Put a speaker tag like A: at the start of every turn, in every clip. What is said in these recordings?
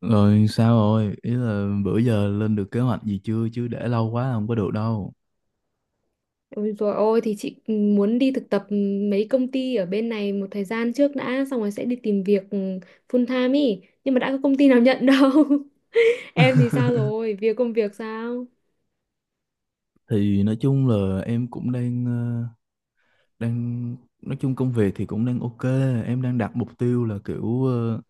A: Rồi sao rồi? Ý là bữa giờ lên được kế hoạch gì chưa? Chứ để lâu quá là không có được đâu.
B: Ôi dồi ôi thì chị muốn đi thực tập mấy công ty ở bên này một thời gian trước đã xong rồi sẽ đi tìm việc full time ý, nhưng mà đã có công ty nào nhận đâu. Em thì sao rồi, công việc sao?
A: Thì nói chung là em cũng đang nói chung công việc thì cũng đang ok. Em đang đặt mục tiêu là kiểu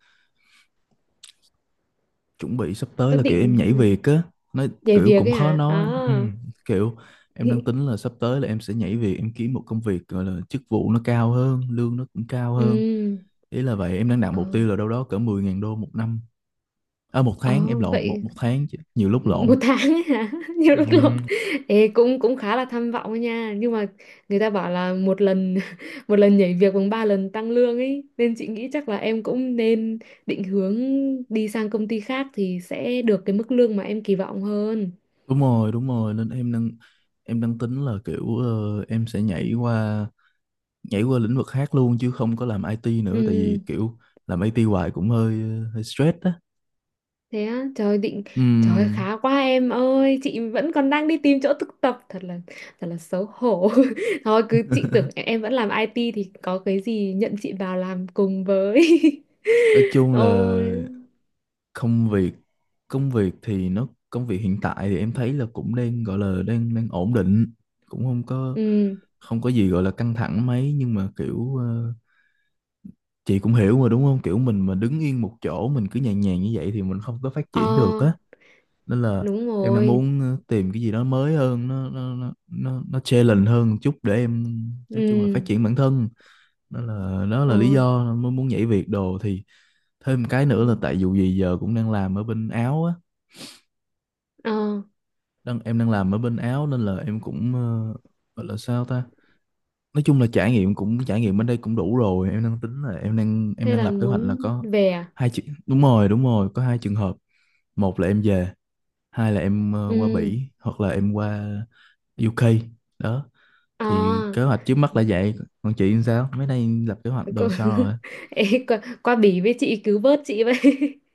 A: chuẩn bị sắp tới
B: Có
A: là kiểu em
B: định
A: nhảy việc á. Nói
B: nhảy
A: Kiểu
B: việc
A: cũng
B: ấy
A: khó
B: hả? À
A: nói. Ừ, kiểu em đang tính là sắp tới là em sẽ nhảy việc, em kiếm một công việc gọi là chức vụ nó cao hơn, lương nó cũng cao hơn.
B: Ừ.
A: Ý là vậy, em đang đặt
B: Ờ.
A: mục tiêu là đâu đó cỡ 10 ngàn đô một năm. À, một
B: Ờ,
A: tháng em lộn một
B: vậy
A: một tháng chứ nhiều lúc lộn.
B: một tháng ấy hả? Nhiều lúc
A: Ừ.
B: lộn. Ê, cũng cũng khá là tham vọng ấy nha, nhưng mà người ta bảo là một lần một lần nhảy việc bằng ba lần tăng lương ấy, nên chị nghĩ chắc là em cũng nên định hướng đi sang công ty khác thì sẽ được cái mức lương mà em kỳ vọng hơn.
A: Đúng rồi, nên em đang tính là kiểu em sẽ nhảy qua lĩnh vực khác luôn chứ không có làm IT nữa tại vì
B: Ừ.
A: kiểu làm IT hoài cũng hơi hơi stress á.
B: Thế á? Trời ơi,
A: Ừm,
B: khá quá em ơi, chị vẫn còn đang đi tìm chỗ thực tập, thật là xấu hổ. Thôi cứ, chị tưởng em vẫn làm IT thì có cái gì nhận chị vào làm cùng với.
A: nói chung là
B: Ôi.
A: công việc công việc hiện tại thì em thấy là cũng đang gọi là đang đang ổn định, cũng không có
B: Ừ.
A: không có gì gọi là căng thẳng mấy nhưng mà kiểu chị cũng hiểu mà đúng không? Kiểu mình mà đứng yên một chỗ mình cứ nhàn nhàn như vậy thì mình không có phát
B: Ờ.
A: triển được á. Nên là
B: Đúng
A: em đang
B: rồi.
A: muốn tìm cái gì đó mới hơn nó challenge hơn một chút để em nói chung là
B: Ừ.
A: phát triển bản thân. Đó là
B: Ờ.
A: lý do mới muốn nhảy việc đồ. Thì thêm một cái nữa
B: Ừ.
A: là tại dù gì giờ cũng đang làm ở bên Áo á,
B: Ờ.
A: em đang làm ở bên Áo nên là em cũng gọi là sao ta. Nói chung là trải nghiệm cũng trải nghiệm bên đây cũng đủ rồi, em đang tính là em đang em
B: Thế
A: đang
B: là
A: lập kế hoạch là
B: muốn
A: có
B: về à?
A: hai chuyện. Đúng rồi, đúng rồi, có hai trường hợp: một là em về, hai là em qua
B: Ừ.
A: Bỉ hoặc là em qua UK đó.
B: Ờ.
A: Thì kế hoạch trước mắt là vậy, còn chị sao mấy nay lập kế hoạch đồ
B: Cô-
A: sao rồi?
B: Ê, qua, qua Bỉ với chị, cứu vớt chị vậy.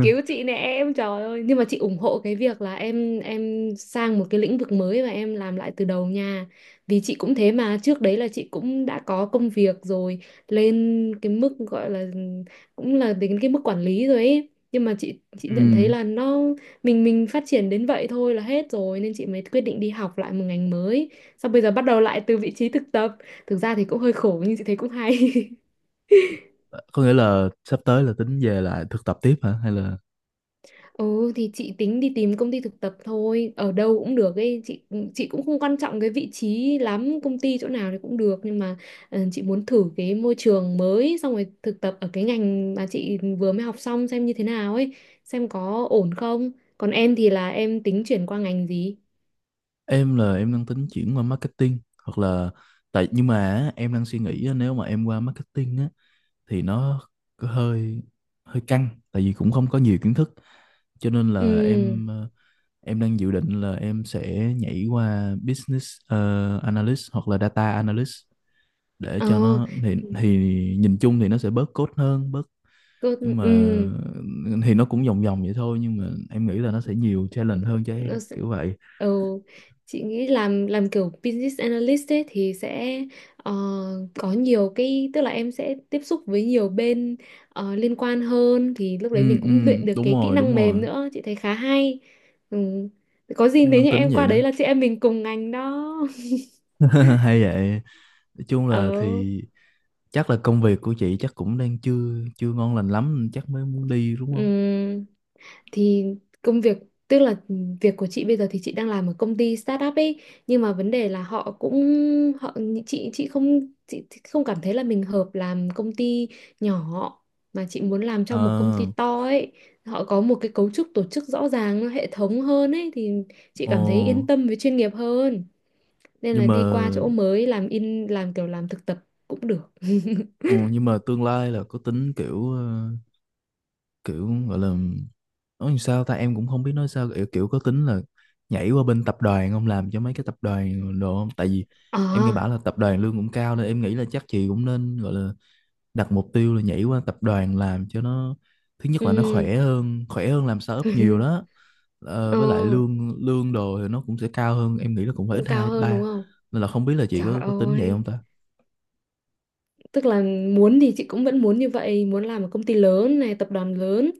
B: Cứu chị nè em, trời ơi, nhưng mà chị ủng hộ cái việc là em sang một cái lĩnh vực mới và em làm lại từ đầu nha. Vì chị cũng thế mà, trước đấy là chị cũng đã có công việc rồi, lên cái mức gọi là cũng là đến cái mức quản lý rồi ấy, nhưng mà chị nhận thấy
A: Ừ.
B: là nó, mình phát triển đến vậy thôi là hết rồi, nên chị mới quyết định đi học lại một ngành mới, xong bây giờ bắt đầu lại từ vị trí thực tập. Thực ra thì cũng hơi khổ nhưng chị thấy cũng hay.
A: Có nghĩa là sắp tới là tính về lại thực tập tiếp hả hay là?
B: Ừ, thì chị tính đi tìm công ty thực tập thôi, ở đâu cũng được ấy, chị cũng không quan trọng cái vị trí lắm, công ty chỗ nào thì cũng được, nhưng mà chị muốn thử cái môi trường mới, xong rồi thực tập ở cái ngành mà chị vừa mới học xong xem như thế nào ấy, xem có ổn không. Còn em thì là em tính chuyển qua ngành gì?
A: Em em đang tính chuyển qua marketing hoặc là tại nhưng mà á, em đang suy nghĩ á, nếu mà em qua marketing á thì nó có hơi hơi căng tại vì cũng không có nhiều kiến thức, cho nên là
B: Ừ.
A: em đang dự định là em sẽ nhảy qua business analyst hoặc là data analyst để
B: Ờ.
A: cho nó thì
B: Ừ.
A: thì nhìn chung thì nó sẽ bớt code hơn,
B: Cơ-
A: nhưng
B: Ừ.
A: mà thì nó cũng vòng vòng vậy thôi nhưng mà em nghĩ là nó sẽ nhiều challenge hơn cho em
B: Nó sẽ-
A: kiểu vậy.
B: Ừ, chị nghĩ làm kiểu business analyst ấy thì sẽ ờ, có nhiều cái, tức là em sẽ tiếp xúc với nhiều bên liên quan hơn, thì lúc đấy mình
A: Ừ, ừ,
B: cũng luyện được
A: đúng
B: cái kỹ
A: rồi đúng
B: năng mềm
A: rồi.
B: nữa, chị thấy khá hay. Ừ. Có gì
A: Em
B: nếu
A: đang
B: như
A: tính
B: em
A: vậy
B: qua đấy
A: nữa.
B: là chị em mình cùng ngành đó.
A: Hay vậy. Nói chung
B: Ờ.
A: là thì chắc là công việc của chị chắc cũng đang chưa chưa ngon lành lắm chắc mới muốn đi đúng
B: Ừ.
A: không?
B: Thì công việc, tức là việc của chị bây giờ thì chị đang làm ở công ty startup ấy, nhưng mà vấn đề là họ cũng, họ, chị không cảm thấy là mình hợp làm công ty nhỏ, mà chị muốn làm
A: ờ
B: trong một công ty to ấy, họ có một cái cấu trúc tổ chức rõ ràng hệ thống hơn ấy, thì chị
A: ờ
B: cảm thấy yên tâm với chuyên nghiệp hơn. Nên
A: nhưng
B: là
A: mà
B: đi qua chỗ mới làm, in làm kiểu làm thực tập cũng được.
A: ờ, nhưng mà tương lai là có tính kiểu kiểu gọi là nói làm sao ta, em cũng không biết nói sao kiểu có tính là nhảy qua bên tập đoàn không, làm cho mấy cái tập đoàn đồ không, tại vì em nghe
B: À.
A: bảo là tập đoàn lương cũng cao nên em nghĩ là chắc chị cũng nên gọi là đặt mục tiêu là nhảy qua tập đoàn làm, cho nó thứ nhất là nó khỏe
B: Ừ.
A: hơn khỏe hơn làm startup nhiều đó. Ờ,
B: Ờ.
A: với lại lương lương đồ thì nó cũng sẽ cao hơn, em nghĩ là cũng phải
B: Cũng
A: ít
B: cao
A: hai ít
B: hơn đúng
A: ba,
B: không?
A: nên là không biết là chị
B: Trời
A: có tính vậy không
B: ơi,
A: ta.
B: tức là muốn thì chị cũng vẫn muốn như vậy, muốn làm một công ty lớn này, tập đoàn lớn,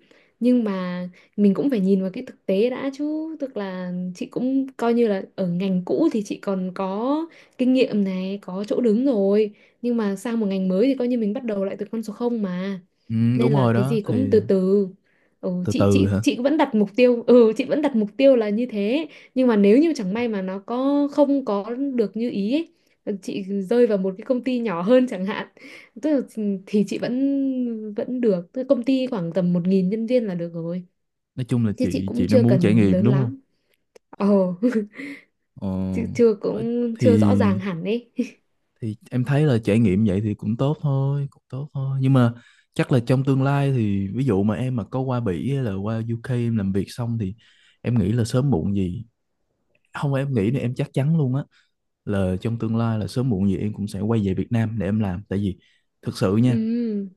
B: nhưng mà mình cũng phải nhìn vào cái thực tế đã chứ, tức là chị cũng coi như là ở ngành cũ thì chị còn có kinh nghiệm này, có chỗ đứng rồi, nhưng mà sang một ngành mới thì coi như mình bắt đầu lại từ con số không mà.
A: Ừ, đúng
B: Nên là
A: rồi
B: cái
A: đó
B: gì
A: thì
B: cũng từ từ. Ừ,
A: từ
B: chị
A: từ
B: chị
A: hả?
B: chị vẫn đặt mục tiêu, chị vẫn đặt mục tiêu là như thế, nhưng mà nếu như chẳng may mà nó có không có được như ý ấy, chị rơi vào một cái công ty nhỏ hơn chẳng hạn, tức là ừ, thì chị vẫn vẫn được, tức là công ty khoảng tầm 1.000 nhân viên là được rồi,
A: Nói chung là
B: chứ chị
A: chị
B: cũng
A: đang
B: chưa
A: muốn trải
B: cần
A: nghiệm
B: lớn
A: đúng không?
B: lắm. Ồ. Chị chưa,
A: ờ,
B: cũng
A: thì
B: chưa rõ ràng hẳn ấy.
A: em thấy là trải nghiệm vậy thì cũng tốt thôi, cũng tốt thôi, nhưng mà chắc là trong tương lai thì ví dụ mà em mà có qua Bỉ hay là qua UK em làm việc xong thì em nghĩ là sớm muộn gì, không em nghĩ là em chắc chắn luôn á, là trong tương lai là sớm muộn gì em cũng sẽ quay về Việt Nam để em làm. Tại vì thực sự nha,
B: Ừ.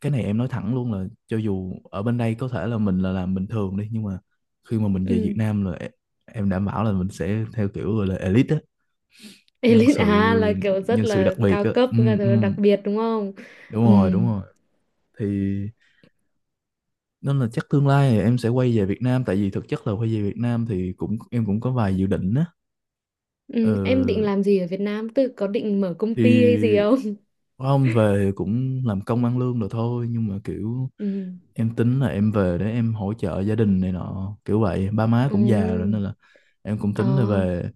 A: cái này em nói thẳng luôn là cho dù ở bên đây có thể là mình là làm bình thường đi nhưng mà khi mà mình về Việt
B: Ừ.
A: Nam là em đảm bảo là mình sẽ theo kiểu gọi là elite á, nhân
B: Elite
A: sự
B: à? Là kiểu rất
A: nhân sự
B: là
A: đặc biệt
B: cao
A: á.
B: cấp, là
A: Ừ, ừ.
B: kiểu đặc biệt đúng không?
A: Đúng
B: Ừ.
A: rồi đúng rồi. Thì nên là chắc tương lai thì em sẽ quay về Việt Nam, tại vì thực chất là quay về Việt Nam thì cũng em cũng có vài dự định á. ờ,
B: Ừ. Em định làm gì ở Việt Nam, tức là có định mở công ty hay gì
A: thì
B: không?
A: không, về cũng làm công ăn lương rồi thôi nhưng mà kiểu
B: Ừ.
A: em tính là em về để em hỗ trợ gia đình này nọ, kiểu vậy, ba má cũng già rồi
B: Ừ.
A: nên là em cũng
B: Ờ.
A: tính là về.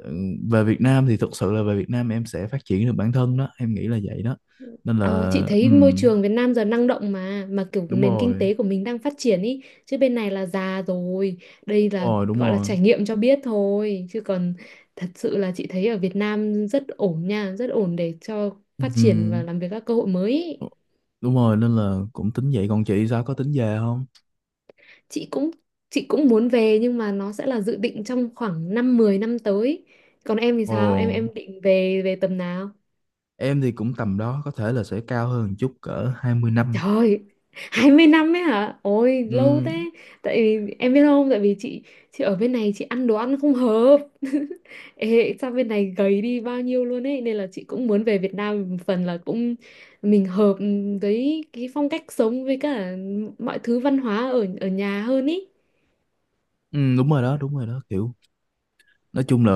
A: Ừ, về Việt Nam thì thực sự là về Việt Nam em sẽ phát triển được bản thân đó, em nghĩ là vậy đó. Nên là
B: Ờ, chị
A: ừ,
B: thấy môi trường Việt Nam giờ năng động mà kiểu
A: đúng
B: nền kinh
A: rồi
B: tế của mình đang phát triển ý, chứ bên này là già rồi. Đây
A: đúng
B: là
A: rồi đúng
B: gọi là
A: rồi.
B: trải nghiệm cho biết thôi, chứ còn thật sự là chị thấy ở Việt Nam rất ổn nha, rất ổn để cho phát triển
A: Ừ.
B: và làm việc, các cơ hội mới ý.
A: Ờ, đúng rồi, nên là cũng tính vậy. Còn chị sao, có tính về không?
B: Chị cũng, chị cũng muốn về nhưng mà nó sẽ là dự định trong khoảng 5 mười năm tới. Còn em thì sao, em
A: Ồ,
B: em định về về tầm nào?
A: em thì cũng tầm đó, có thể là sẽ cao hơn một chút, cỡ 20 năm.
B: Trời, 20 năm ấy hả? Ôi, lâu
A: Ừ,
B: thế. Tại vì em biết không, tại vì chị ở bên này chị ăn đồ ăn không hợp. Ê, sao bên này gầy đi bao nhiêu luôn ấy, nên là chị cũng muốn về Việt Nam, một phần là cũng mình hợp với cái phong cách sống với cả mọi thứ văn hóa ở ở nhà hơn ý.
A: ừ, đúng rồi đó, đúng rồi đó, kiểu nói chung là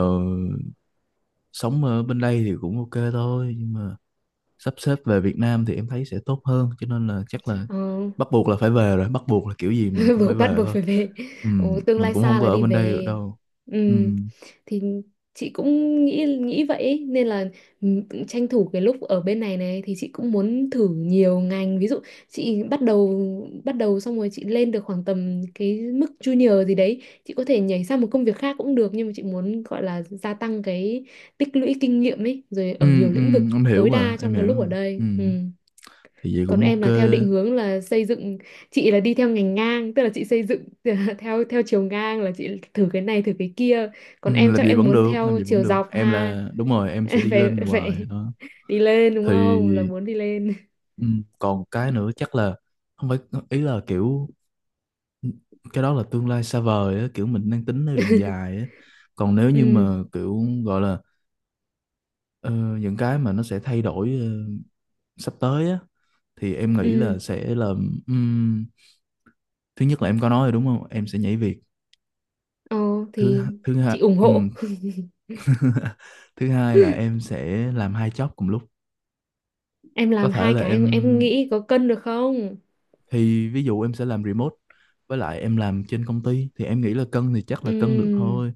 A: sống ở bên đây thì cũng ok thôi, nhưng mà sắp xếp về Việt Nam thì em thấy sẽ tốt hơn, cho nên là chắc là
B: Ờ.
A: bắt buộc là phải về rồi, bắt buộc là kiểu gì mình cũng phải
B: Buộc, bắt
A: về
B: buộc
A: thôi.
B: phải về.
A: Ừ,
B: Ồ, tương
A: mình
B: lai
A: cũng không
B: xa
A: có
B: là
A: ở
B: đi
A: bên đây được
B: về.
A: đâu.
B: Ừ.
A: Ừ,
B: Thì chị cũng nghĩ nghĩ vậy ấy. Nên là ừ, tranh thủ cái lúc ở bên này này thì chị cũng muốn thử nhiều ngành, ví dụ chị bắt đầu, xong rồi chị lên được khoảng tầm cái mức junior gì đấy, chị có thể nhảy sang một công việc khác cũng được, nhưng mà chị muốn gọi là gia tăng cái, tích lũy kinh nghiệm ấy rồi,
A: ừ,
B: ở nhiều
A: ừ,
B: lĩnh vực
A: em hiểu
B: tối
A: mà,
B: đa
A: em
B: trong cái lúc ở
A: hiểu.
B: đây.
A: Ừ,
B: Ừ.
A: thì vậy
B: Còn
A: cũng
B: em
A: ok.
B: là theo định hướng là xây dựng, chị là đi theo ngành ngang, tức là chị xây dựng theo theo chiều ngang là chị thử cái này thử cái kia.
A: Ừ,
B: Còn em
A: làm
B: chắc
A: gì
B: em
A: vẫn
B: muốn
A: được, làm
B: theo
A: gì vẫn
B: chiều
A: được,
B: dọc
A: em
B: ha.
A: là đúng rồi, em sẽ đi
B: Phải,
A: lên hoài
B: phải,
A: đó.
B: đi lên đúng
A: Thì
B: không, là muốn đi lên.
A: ừ, còn cái nữa chắc là không phải, ý là kiểu cái đó là tương lai xa vời á, kiểu mình đang tính theo đường dài á. Còn nếu như
B: Ừ.
A: mà kiểu gọi là ờ, những cái mà nó sẽ thay đổi sắp tới á, thì em nghĩ
B: Ừ.
A: là sẽ là ừm, thứ nhất là em có nói rồi đúng không? Em sẽ nhảy việc.
B: Ờ.
A: Thứ
B: Thì
A: thứ hai
B: chị ủng hộ.
A: Thứ hai là em sẽ làm hai job cùng lúc.
B: Em
A: Có
B: làm
A: thể
B: 2
A: là
B: cái
A: em,
B: em nghĩ có cân được không?
A: thì ví dụ em sẽ làm remote với lại em làm trên công ty, thì em nghĩ là cân thì chắc là cân được
B: Ừ,
A: thôi.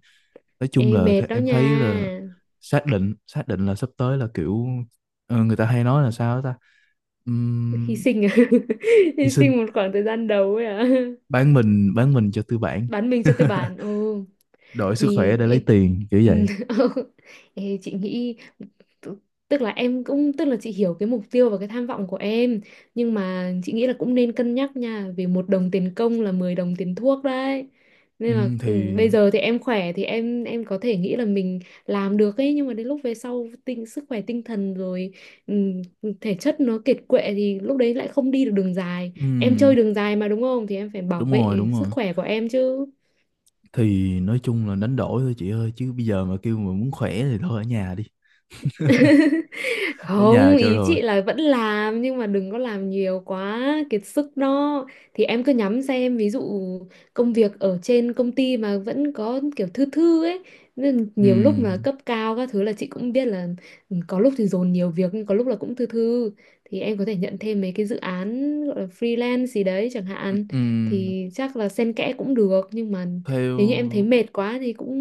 A: Nói chung là
B: em mệt đó
A: em
B: nha.
A: thấy là xác định là sắp tới là kiểu người ta hay nói là sao ta.
B: Hy
A: Ừm,
B: sinh à?
A: hy
B: Hy
A: sinh,
B: sinh một khoảng thời gian đầu ấy à?
A: bán mình, bán mình cho tư bản,
B: Bán mình cho tư bản. Ừ.
A: đổi sức khỏe
B: Thì
A: để lấy
B: ê,
A: tiền kiểu vậy.
B: ê, chị nghĩ, t- tức là em cũng, tức là chị hiểu cái mục tiêu và cái tham vọng của em, nhưng mà chị nghĩ là cũng nên cân nhắc nha, vì một đồng tiền công là 10 đồng tiền thuốc đấy, nên là ừ,
A: Thì
B: bây giờ thì em khỏe thì em có thể nghĩ là mình làm được ấy, nhưng mà đến lúc về sau tinh sức khỏe, tinh thần rồi, ừm, thể chất nó kiệt quệ thì lúc đấy lại không đi được đường dài. Em
A: ừm,
B: chơi đường dài mà đúng không, thì em phải bảo
A: đúng rồi
B: vệ
A: đúng
B: sức
A: rồi,
B: khỏe của em chứ.
A: thì nói chung là đánh đổi thôi chị ơi, chứ bây giờ mà kêu mà muốn khỏe thì thôi ở nhà đi, ở nhà
B: Không,
A: cho
B: ý
A: rồi.
B: chị là vẫn làm nhưng mà đừng có làm nhiều quá kiệt sức đó. Thì em cứ nhắm xem, ví dụ công việc ở trên công ty mà vẫn có kiểu thư thư ấy, nên nhiều lúc mà
A: Ừm,
B: cấp cao các thứ là chị cũng biết là, ừ, có lúc thì dồn nhiều việc nhưng có lúc là cũng thư thư, thì em có thể nhận thêm mấy cái dự án gọi là freelance gì đấy chẳng hạn,
A: ừm,
B: thì chắc là xen kẽ cũng được, nhưng mà nếu như em thấy
A: theo
B: mệt quá thì cũng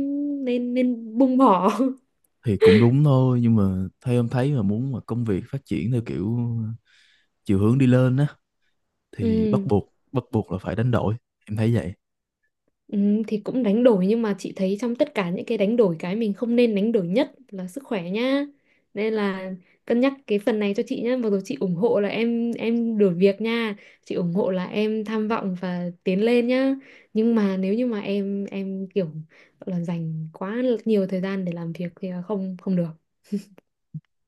B: nên nên buông bỏ.
A: Thì cũng đúng thôi, nhưng mà theo em thấy mà muốn mà công việc phát triển theo kiểu chiều hướng đi lên á thì bắt
B: Ừ.
A: buộc bắt buộc là phải đánh đổi, em thấy vậy.
B: Ừ, thì cũng đánh đổi, nhưng mà chị thấy trong tất cả những cái đánh đổi, cái mình không nên đánh đổi nhất là sức khỏe nhá. Nên là cân nhắc cái phần này cho chị nhá. Mặc dù chị ủng hộ là em đổi việc nha. Chị ủng hộ là em tham vọng và tiến lên nhá. Nhưng mà nếu như mà em kiểu gọi là dành quá nhiều thời gian để làm việc thì là không không được.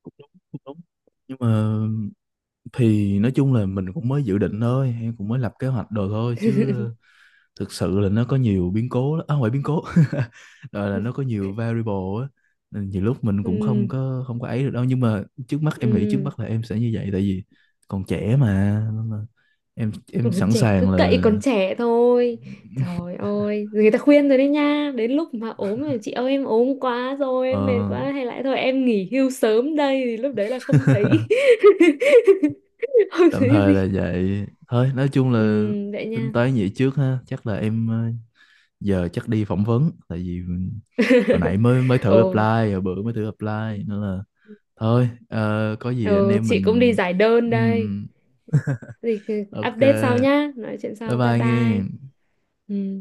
A: Cũng đúng, cũng đúng, nhưng mà thì nói chung là mình cũng mới dự định thôi, em cũng mới lập kế hoạch đồ thôi, chứ thực sự là nó có nhiều biến cố lắm. À, không phải biến cố rồi, là nó có nhiều variable á. Nên nhiều lúc mình cũng
B: Ừ.
A: không có ấy được đâu, nhưng mà trước mắt em nghĩ, trước
B: Ừ.
A: mắt là em sẽ như vậy, tại vì còn trẻ mà, nên là em
B: Ừ,
A: em sẵn
B: trẻ cứ
A: sàng
B: cậy
A: là.
B: còn trẻ thôi, trời ơi người ta khuyên rồi đấy nha, đến lúc mà ốm rồi chị ơi, em ốm quá rồi
A: Ờ,
B: em mệt quá hay lại thôi em nghỉ hưu sớm đây, thì lúc đấy là không thấy không
A: tạm
B: thấy
A: thời
B: gì.
A: là vậy thôi, nói chung là
B: Vậy
A: tính
B: nha.
A: toán vậy trước ha. Chắc là em giờ chắc đi phỏng vấn, tại vì hồi nãy mới mới thử apply,
B: Ồ.
A: hồi bữa mới thử apply, nên là thôi có gì anh
B: Ừ,
A: em
B: chị cũng đi
A: mình.
B: giải đơn đây.
A: Ừm,
B: Thì
A: ok
B: update sau nhá, nói chuyện
A: bye
B: sau, bye
A: bye
B: bye.
A: nghe.
B: Ừm.